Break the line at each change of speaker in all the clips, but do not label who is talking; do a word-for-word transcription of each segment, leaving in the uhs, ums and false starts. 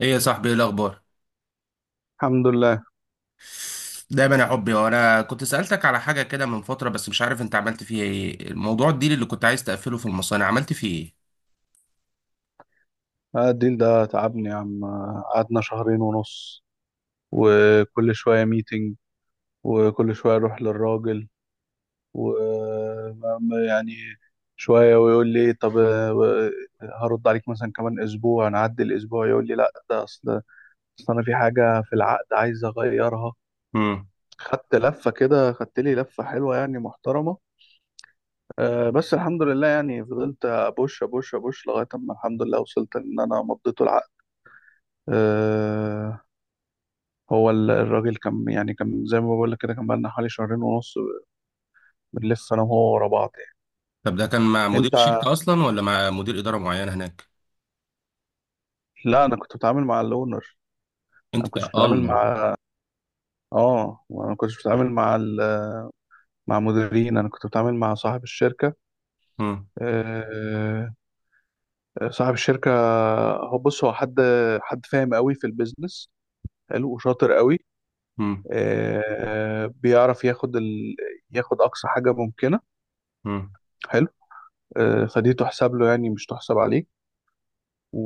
ايه يا صاحبي، ايه الاخبار؟
الحمد لله.
دايما يا حبي. وانا كنت سألتك على حاجة كده من فترة، بس مش عارف انت عملت فيها ايه. الموضوع الديل اللي كنت عايز تقفله في المصانع، عملت فيه ايه؟
آه، الديل ده تعبني يا عم. آه، قعدنا شهرين ونص، وكل شوية ميتنج، وكل شوية أروح للراجل، و ما- ما- يعني شوية ويقول لي طب، آه، هرد عليك مثلا كمان أسبوع. نعدي الأسبوع يقول لي لأ، ده أصل أصل أنا في حاجة في العقد عايز أغيرها.
امم.
خدت لفة كده، خدت لي لفة حلوة يعني محترمة. آه، بس الحمد لله يعني فضلت أبوش أبوش أبوش لغاية أما الحمد لله وصلت إن أنا مضيته العقد. آه، هو ال- الراجل كان يعني كان زي ما بقول لك كده، كان بقالنا حوالي شهرين ونص بنلف انا وهو ورا بعض يعني.
طب ده كان مع مدير
انت؟
شركة اصلا ولا مع مدير إدارة معين هناك؟
لا، انا كنت بتعامل مع الاونر. انا ما
انت يا
كنتش بتعامل
الله.
مع. اه انا ما كنتش بتعامل مع ال... مع مديرين. انا كنت بتعامل مع صاحب الشركه.
امم.
آه... صاحب الشركه. هو بص، هو حد حد فاهم قوي في البيزنس، حلو وشاطر قوي.
امم.
آه... بيعرف ياخد ال... ياخد اقصى حاجه ممكنه.
امم.
حلو. آه... فدي تحسب له، يعني مش تحسب عليه. و...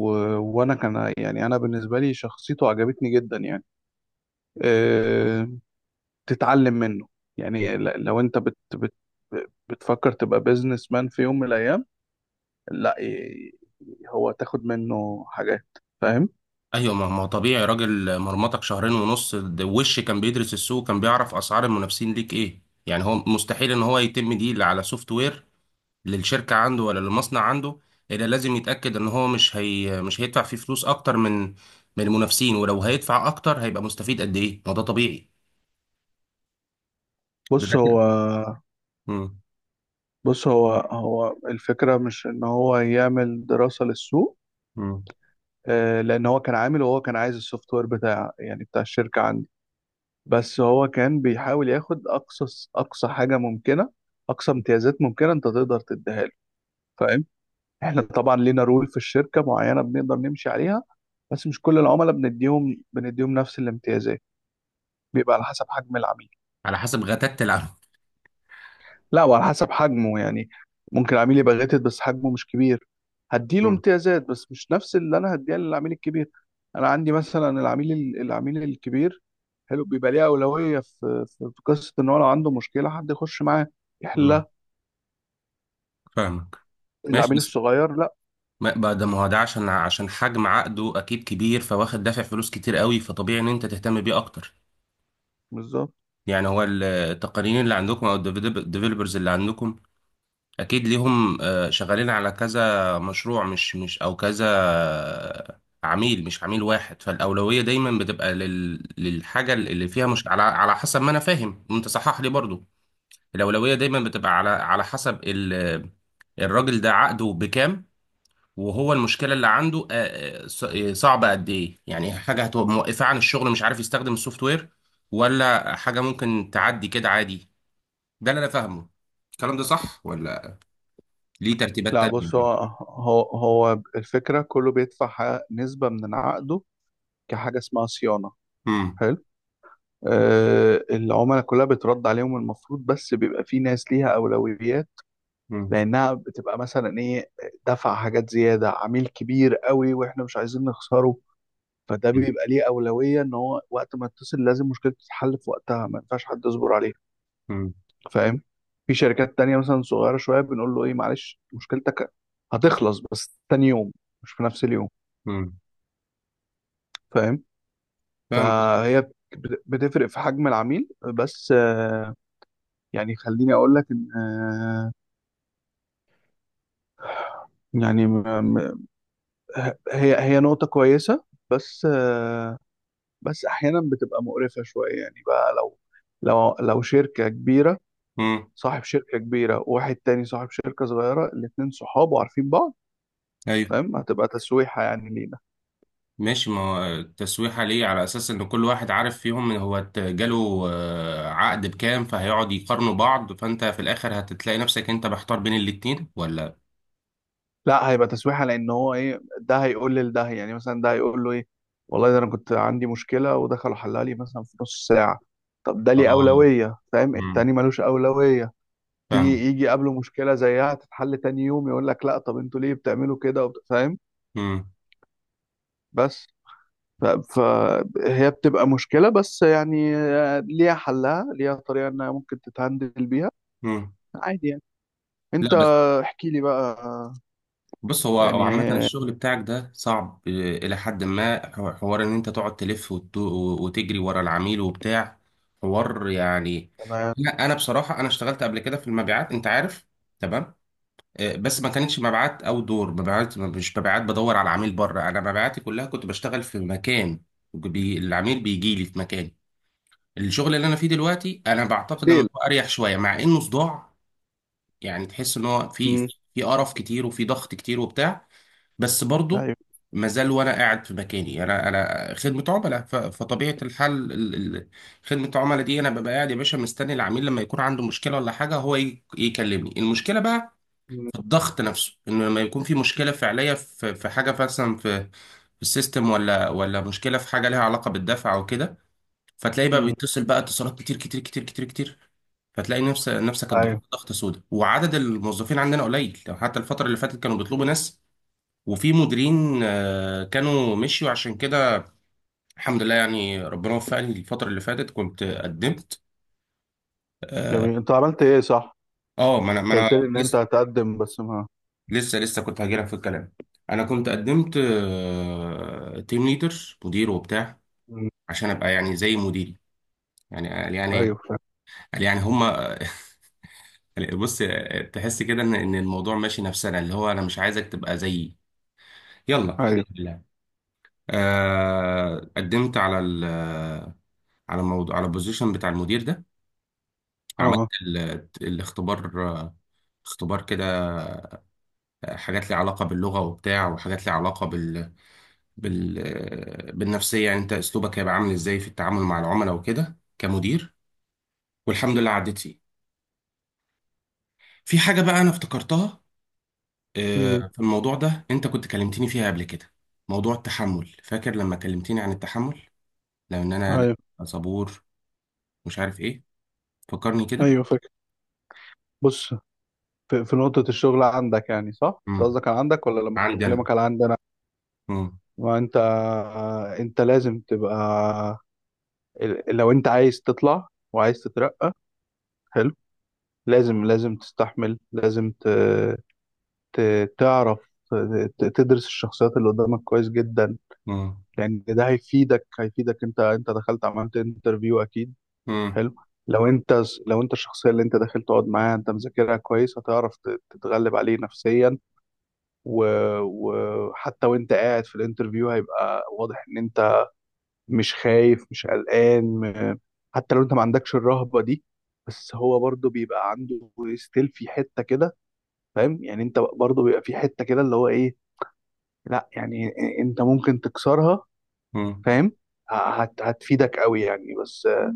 وانا كان يعني انا بالنسبه لي شخصيته عجبتني جدا يعني. أه... تتعلم منه. يعني ل- لو انت بت... بت... بتفكر تبقى بيزنس مان في يوم من الايام، لا ي- هو تاخد منه حاجات. فاهم.
ايوه، ما ما هو طبيعي، راجل مرمطك شهرين ونص ده. وش كان بيدرس السوق، كان بيعرف اسعار المنافسين ليك ايه؟ يعني هو مستحيل ان هو يتم ديل على سوفت وير للشركة عنده ولا للمصنع عنده، إلا لازم يتأكد إن هو مش هي مش هيدفع فيه فلوس أكتر من من المنافسين. ولو هيدفع أكتر هيبقى مستفيد قد إيه؟ ما ده طبيعي. ده ده
بص هو
كده. مم.
بص هو هو الفكره مش ان هو يعمل دراسه للسوق.
مم.
آه، لان هو كان عامل، وهو كان عايز السوفت وير بتاع يعني بتاع الشركه عنده. بس هو كان بيحاول ياخد اقصى اقصى حاجه ممكنه، اقصى امتيازات ممكنه انت تقدر تديها له. فاهم. احنا طبعا لينا رول في الشركه معينه بنقدر نمشي عليها، بس مش كل العملاء بنديهم بنديهم نفس الامتيازات. بيبقى على حسب حجم العميل.
على حسب غتات العمل.
لا، وعلى حسب حجمه يعني. ممكن العميل يبقى غاتت بس حجمه مش كبير، هديله
مم.
امتيازات بس مش نفس اللي انا هديها للعميل الكبير. انا عندي مثلا العميل ال- العميل الكبير. حلو. بيبقى ليه اولويه في في في قصه ان هو لو عنده مشكله حد يخش معاه
مم.
يحلها.
فاهمك. ماشي،
العميل
بس
الصغير لا.
ما بقى ده، ما هو ده عشان عشان حجم عقده أكيد كبير، فواخد دافع فلوس كتير قوي، فطبيعي إن أنت تهتم بيه أكتر.
بالظبط.
يعني هو التقنيين اللي عندكم أو الديفلوبرز اللي عندكم اكيد ليهم، آه، شغالين على كذا مشروع، مش مش او كذا آه، عميل، مش عميل واحد. فالاولويه دايما بتبقى لل للحاجه اللي فيها، مش على على حسب ما انا فاهم، انت صحح لي برضو. الاولويه دايما بتبقى على على حسب ال الراجل ده عقده بكام، وهو المشكله اللي عنده آه، آه، ص- آه، صعبه قد ايه. يعني حاجه هتبقى موقفه عن الشغل، مش عارف يستخدم السوفت وير، ولا حاجه ممكن تعدي كده عادي. ده اللي انا فاهمه. الكلام ده صح ولا ليه ترتيبات
لا، بص هو
تانية؟
هو هو الفكره كله بيدفع ح- نسبه من عقده، كحاجه اسمها صيانه.
امم.
حلو. آه العملاء كلها بترد عليهم المفروض، بس بيبقى في ناس ليها اولويات،
امم.
لانها بتبقى مثلا ايه، دفع حاجات زياده، عميل كبير قوي واحنا مش عايزين نخسره. فده بيبقى ليه اولويه ان هو وقت ما يتصل لازم مشكلته تتحل في وقتها، ما ينفعش حد يصبر عليها.
امم.
فاهم. في شركات تانية مثلا صغيره شويه بنقول له ايه معلش، مشكلتك هتخلص بس تاني يوم، مش في نفس اليوم.
امم.
فاهم.
فاهم قصدك.
فهي بت- بتفرق في حجم العميل. بس آه، يعني خليني اقول لك ان آه، يعني م- م- هي هي نقطه كويسه. بس آه، بس احيانا بتبقى مقرفه شويه يعني بقى، لو لو لو شركه كبيره،
امم.
صاحب شركه كبيره وواحد تاني صاحب شركه صغيره، الاثنين صحاب وعارفين بعض.
ايوه،
فاهم. هتبقى تسويحه يعني لينا.
ماشي. ما هو التسويحه ليه على اساس ان كل واحد عارف فيهم ان هو ت- جاله آه، عقد بكام، فهيقعد يقارنوا بعض. فانت في الاخر هتتلاقي نفسك انت محتار بين الاتنين ولا؟
لا، هيبقى تسويحه لان هو ايه، ده هيقول لده يعني، مثلا ده هيقول له ايه والله، ده انا كنت عندي مشكله ودخلوا حلها لي مثلا في نص ساعه. طب ده
اه.
ليه اولويه؟ فاهم.
امم.
التاني ملوش اولويه،
فاهم.
تيجي يجي قبله مشكله زيها تتحل تاني يوم يقول لك لا، طب انتوا ليه بتعملوا كده وبت- فاهم.
امم.
بس ف- فهي بتبقى مشكلة، بس يعني آه، ليها حلها، ليها طريقة انها ممكن تتهندل بيها.
امم.
عادي يعني.
لا،
انت. احكي لي بقى. آه،
بص، هو هو
يعني
عامة الشغل بتاعك ده صعب آه، إلى حد ما. حو- حوار إن أنت تقعد تلف وت- وتجري ورا العميل وبتاع، حوار يعني.
تمام.
لا، أنا بصراحة أنا اشتغلت قبل كده في المبيعات، أنت عارف. تمام. آه، بس ما كانتش مبيعات أو دور مبيعات، مش مبيعات بدور على العميل بره. أنا مبيعاتي كلها كنت بشتغل في مكان، بي العميل بيجي لي في مكان. الشغل اللي أنا فيه دلوقتي، أنا بعتقد إنه
تيل.
أريح شوية مع إنه صداع. يعني تحس إن هو في في
مم.
في قرف كتير وفي ضغط كتير وبتاع، بس برضه
ايوه.
ما زال. وانا قاعد في مكاني، انا انا خدمه عملاء، ف- فطبيعه الحال ال- ال- خدمه العملاء دي، انا ببقى قاعد يا باشا مستني العميل لما يكون عنده مشكله ولا حاجه، هو ي- يكلمني المشكله بقى.
مم.
في الضغط نفسه انه لما يكون في مشكله فعليه، في في حاجه مثلا في في السيستم، ولا ولا مشكله في حاجه لها علاقه بالدفع او كده. فتلاقيه بقى
مم.
بيتصل بقى اتصالات كتير كتير كتير كتير كتير. فتلاقي نفس نفسك الضغط
ايوه.
ضغط سودا، وعدد الموظفين عندنا قليل، لو حتى الفتره اللي فاتت كانوا بيطلبوا ناس. وفي مديرين آه، كانوا مشيوا عشان كده. الحمد لله يعني ربنا وفقني. الفترة اللي فاتت كنت قدمت. اه.
جميل. انت عملت ايه؟ صح.
آه، ما انا
انت
ما انا
قلت لي ان انت
لسه
هتقدم بس ما.
لسه لسه كنت هجيلك في الكلام. انا كنت قدمت تيم ليدر، مدير وبتاع،
مم.
عشان ابقى يعني زي مديري. يعني قال يعني
ايوه. فاهم.
قال يعني هما. بص، تحس كده ان ان الموضوع ماشي نفسنا، اللي هو انا مش عايزك تبقى زيي. يلا الحمد
ايوه.
لله. آه، قدمت على ال آه، على الموضوع، على البوزيشن بتاع المدير ده. عملت
اه.
ال- الاختبار، آه، اختبار كده، آه، حاجات ليها علاقة باللغة وبتاع، وحاجات ليها علاقة بال... بال... آه، بالنفسية. يعني انت اسلوبك هيبقى عامل ازاي في التعامل مع العملاء وكده كمدير. والحمد لله عديت فيه. في حاجة بقى انا افتكرتها آه،
مم.
في الموضوع ده، انت كنت كلمتني فيها قبل كده. موضوع التحمل، فاكر لما كلمتني عن التحمل، لان انا
ايوه.
لأ، صبور، مش عارف ايه. فكرني كده.
ايوه. فاكر. بص، في, في نقطة الشغل عندك يعني، صح؟ انت
مم.
قصدك على عندك ولا لما كنت
عندي انا.
بكلمك على عندنا؟
مم.
ما انت انت لازم تبقى. ال- لو انت عايز تطلع وعايز تترقى، حلو. لازم لازم تستحمل. لازم ت... ت... تعرف ت- تدرس الشخصيات اللي قدامك كويس جدا،
مم.
لان ده هيفيدك هيفيدك. انت انت دخلت عملت انترفيو اكيد.
مم.
حلو. لو انت، لو انت الشخصيه اللي انت داخل تقعد معاها انت مذاكرها كويس، هتعرف ت- تتغلب عليه نفسيا. و- وحتى وانت قاعد في الانترفيو هيبقى واضح ان انت مش خايف مش قلقان. م- حتى لو انت ما عندكش الرهبة دي، بس هو برضه بيبقى عنده ستيل في حتة كده. فاهم يعني، انت برضه بيبقى في حتة كده اللي هو ايه، لا يعني انت ممكن تكسرها.
مم.
فاهم. ه- هت هتفيدك قوي يعني. بس آه،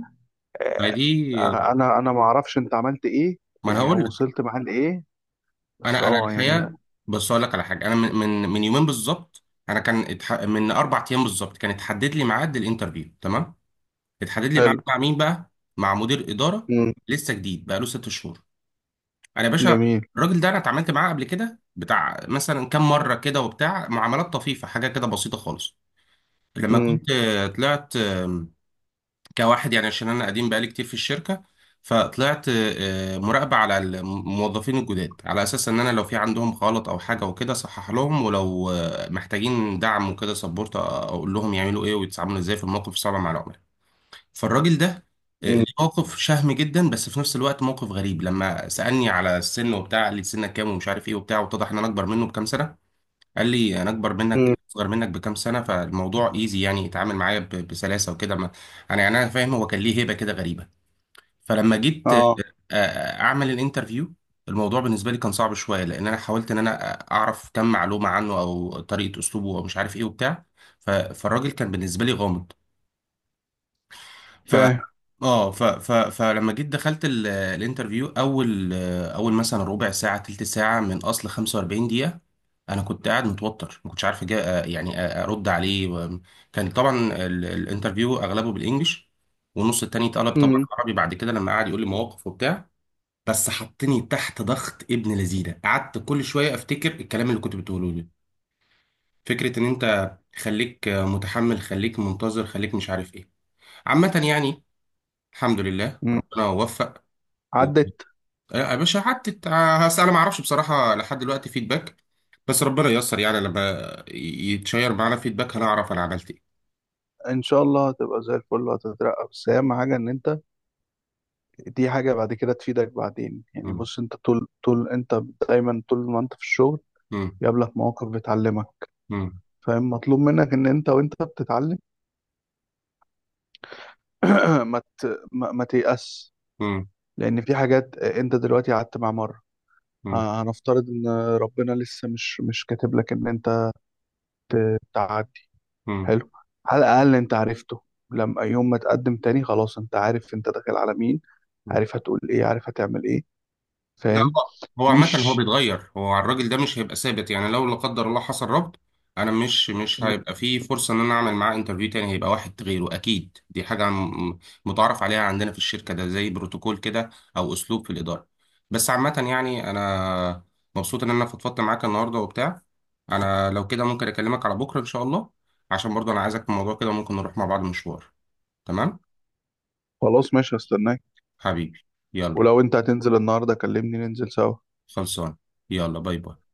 فدي.
آه، انا انا ما اعرفش انت عملت ايه
ما انا
يعني،
هقول
او
لك.
وصلت معاه لايه. بس
انا انا
اه يعني.
الحقيقه، بس اقول لك على حاجه. انا من من من يومين بالظبط، انا كان اتح... من اربع ايام بالظبط كان اتحدد لي ميعاد الانترفيو. تمام. اتحدد لي ميعاد
حلو.
مع مين بقى؟ مع مدير اداره،
مم.
لسه جديد بقى له ست شهور. انا يا باشا
جميل.
الراجل ده انا اتعاملت معاه قبل كده بتاع مثلا كام مره كده وبتاع، معاملات طفيفه، حاجه كده بسيطه خالص. لما
مم.
كنت طلعت كواحد يعني، عشان انا قديم بقالي كتير في الشركه، فطلعت آه، مراقبه على الموظفين الجداد، على اساس ان انا لو في عندهم غلط او حاجه وكده اصحح لهم، ولو آه، محتاجين دعم وكده سبورت، آه، اقول لهم يعملوا ايه ويتعاملوا ازاي في الموقف الصعب مع العملاء. فالراجل ده آه،
مم.
ليه موقف شهم جدا، بس في نفس الوقت موقف غريب، لما سالني على السن وبتاع. قال لي سنك كام ومش عارف ايه وبتاع، واتضح ان انا اكبر منه بكام سنه. قال لي انا اكبر منك
مم.
اصغر منك بكام سنه، فالموضوع ايزي يعني، اتعامل معايا ب- بسلاسه وكده. ما انا يعني انا فاهم هو كان ليه هيبه كده غريبه. فلما جيت آه،
اه.
آه، اعمل الانترفيو، الموضوع بالنسبه لي كان صعب شويه، لان انا حاولت ان انا آه، اعرف كم معلومه عنه او طريقه اسلوبه او مش عارف ايه وبتاع. ف- فالراجل كان بالنسبه لي غامض.
فاهم.
اه. ف ف فلما جيت دخلت ال- الانترفيو، اول اول مثلا ربع ساعه تلت ساعه من اصل خمسة وأربعين دقيقه، انا كنت قاعد متوتر، ما كنتش عارف أجا آه، يعني أ- ارد عليه. و- كان طبعا ال- الانترفيو اغلبه بالانجلش، والنص التاني اتقلب طبعا
مم.
عربي بعد كده، لما قعد يقول لي مواقف وبتاع. بس حطني تحت ضغط ابن لذينه، قعدت كل شويه افتكر الكلام اللي كنت بتقوله لي، فكره ان انت خليك متحمل، خليك منتظر، خليك مش عارف ايه. عامه يعني، الحمد لله
مم.
ربنا وفق.
عدت.
يا باشا، حتى تع- هس- انا ما اعرفش بصراحه لحد دلوقتي فيدباك، بس ربنا ييسر يعني، لما يتشير معانا فيدباك هنعرف انا عملت ايه.
ان شاء الله هتبقى زي الفل وهتترقى، بس اهم حاجه ان انت، دي حاجه بعد كده تفيدك بعدين يعني.
مم.
بص انت طول طول انت دايما، طول ما انت في الشغل
مم.
يقابلك مواقف بتعلمك.
مم.
فاهم. مطلوب منك ان انت وانت بتتعلم ما ت... ما, ما تيأس،
مم.
لان في حاجات انت دلوقتي قعدت مع مره. ه- هنفترض ان ربنا لسه مش مش كاتب لك ان انت ت- تعدي.
مم.
حلو. على الاقل انت عرفته، لما يوم ما تقدم تاني خلاص انت عارف انت داخل على مين،
مم.
عارف هتقول ايه، عارف هتعمل ايه.
لا،
فاهم.
هو هو عامة هو
مش
بيتغير. هو الراجل ده مش هيبقى ثابت يعني. لو لا قدر الله حصل ربط، انا مش مش هيبقى فيه فرصة ان انا اعمل معاه انترفيو تاني، هيبقى واحد غيره اكيد. دي حاجة م- متعارف عليها عندنا في الشركة، ده زي بروتوكول كده او اسلوب في الإدارة. بس عامة يعني انا مبسوط ان انا فضفضت معاك النهاردة وبتاع. انا لو كده ممكن اكلمك على بكرة ان شاء الله، عشان برضه انا عايزك في الموضوع كده، ممكن نروح مع بعض مشوار. تمام
خلاص، ماشي، هستناك.
حبيبي، يلا.
ولو انت هتنزل النهارده كلمني ننزل سوا.
خلصان. يلا باي باي.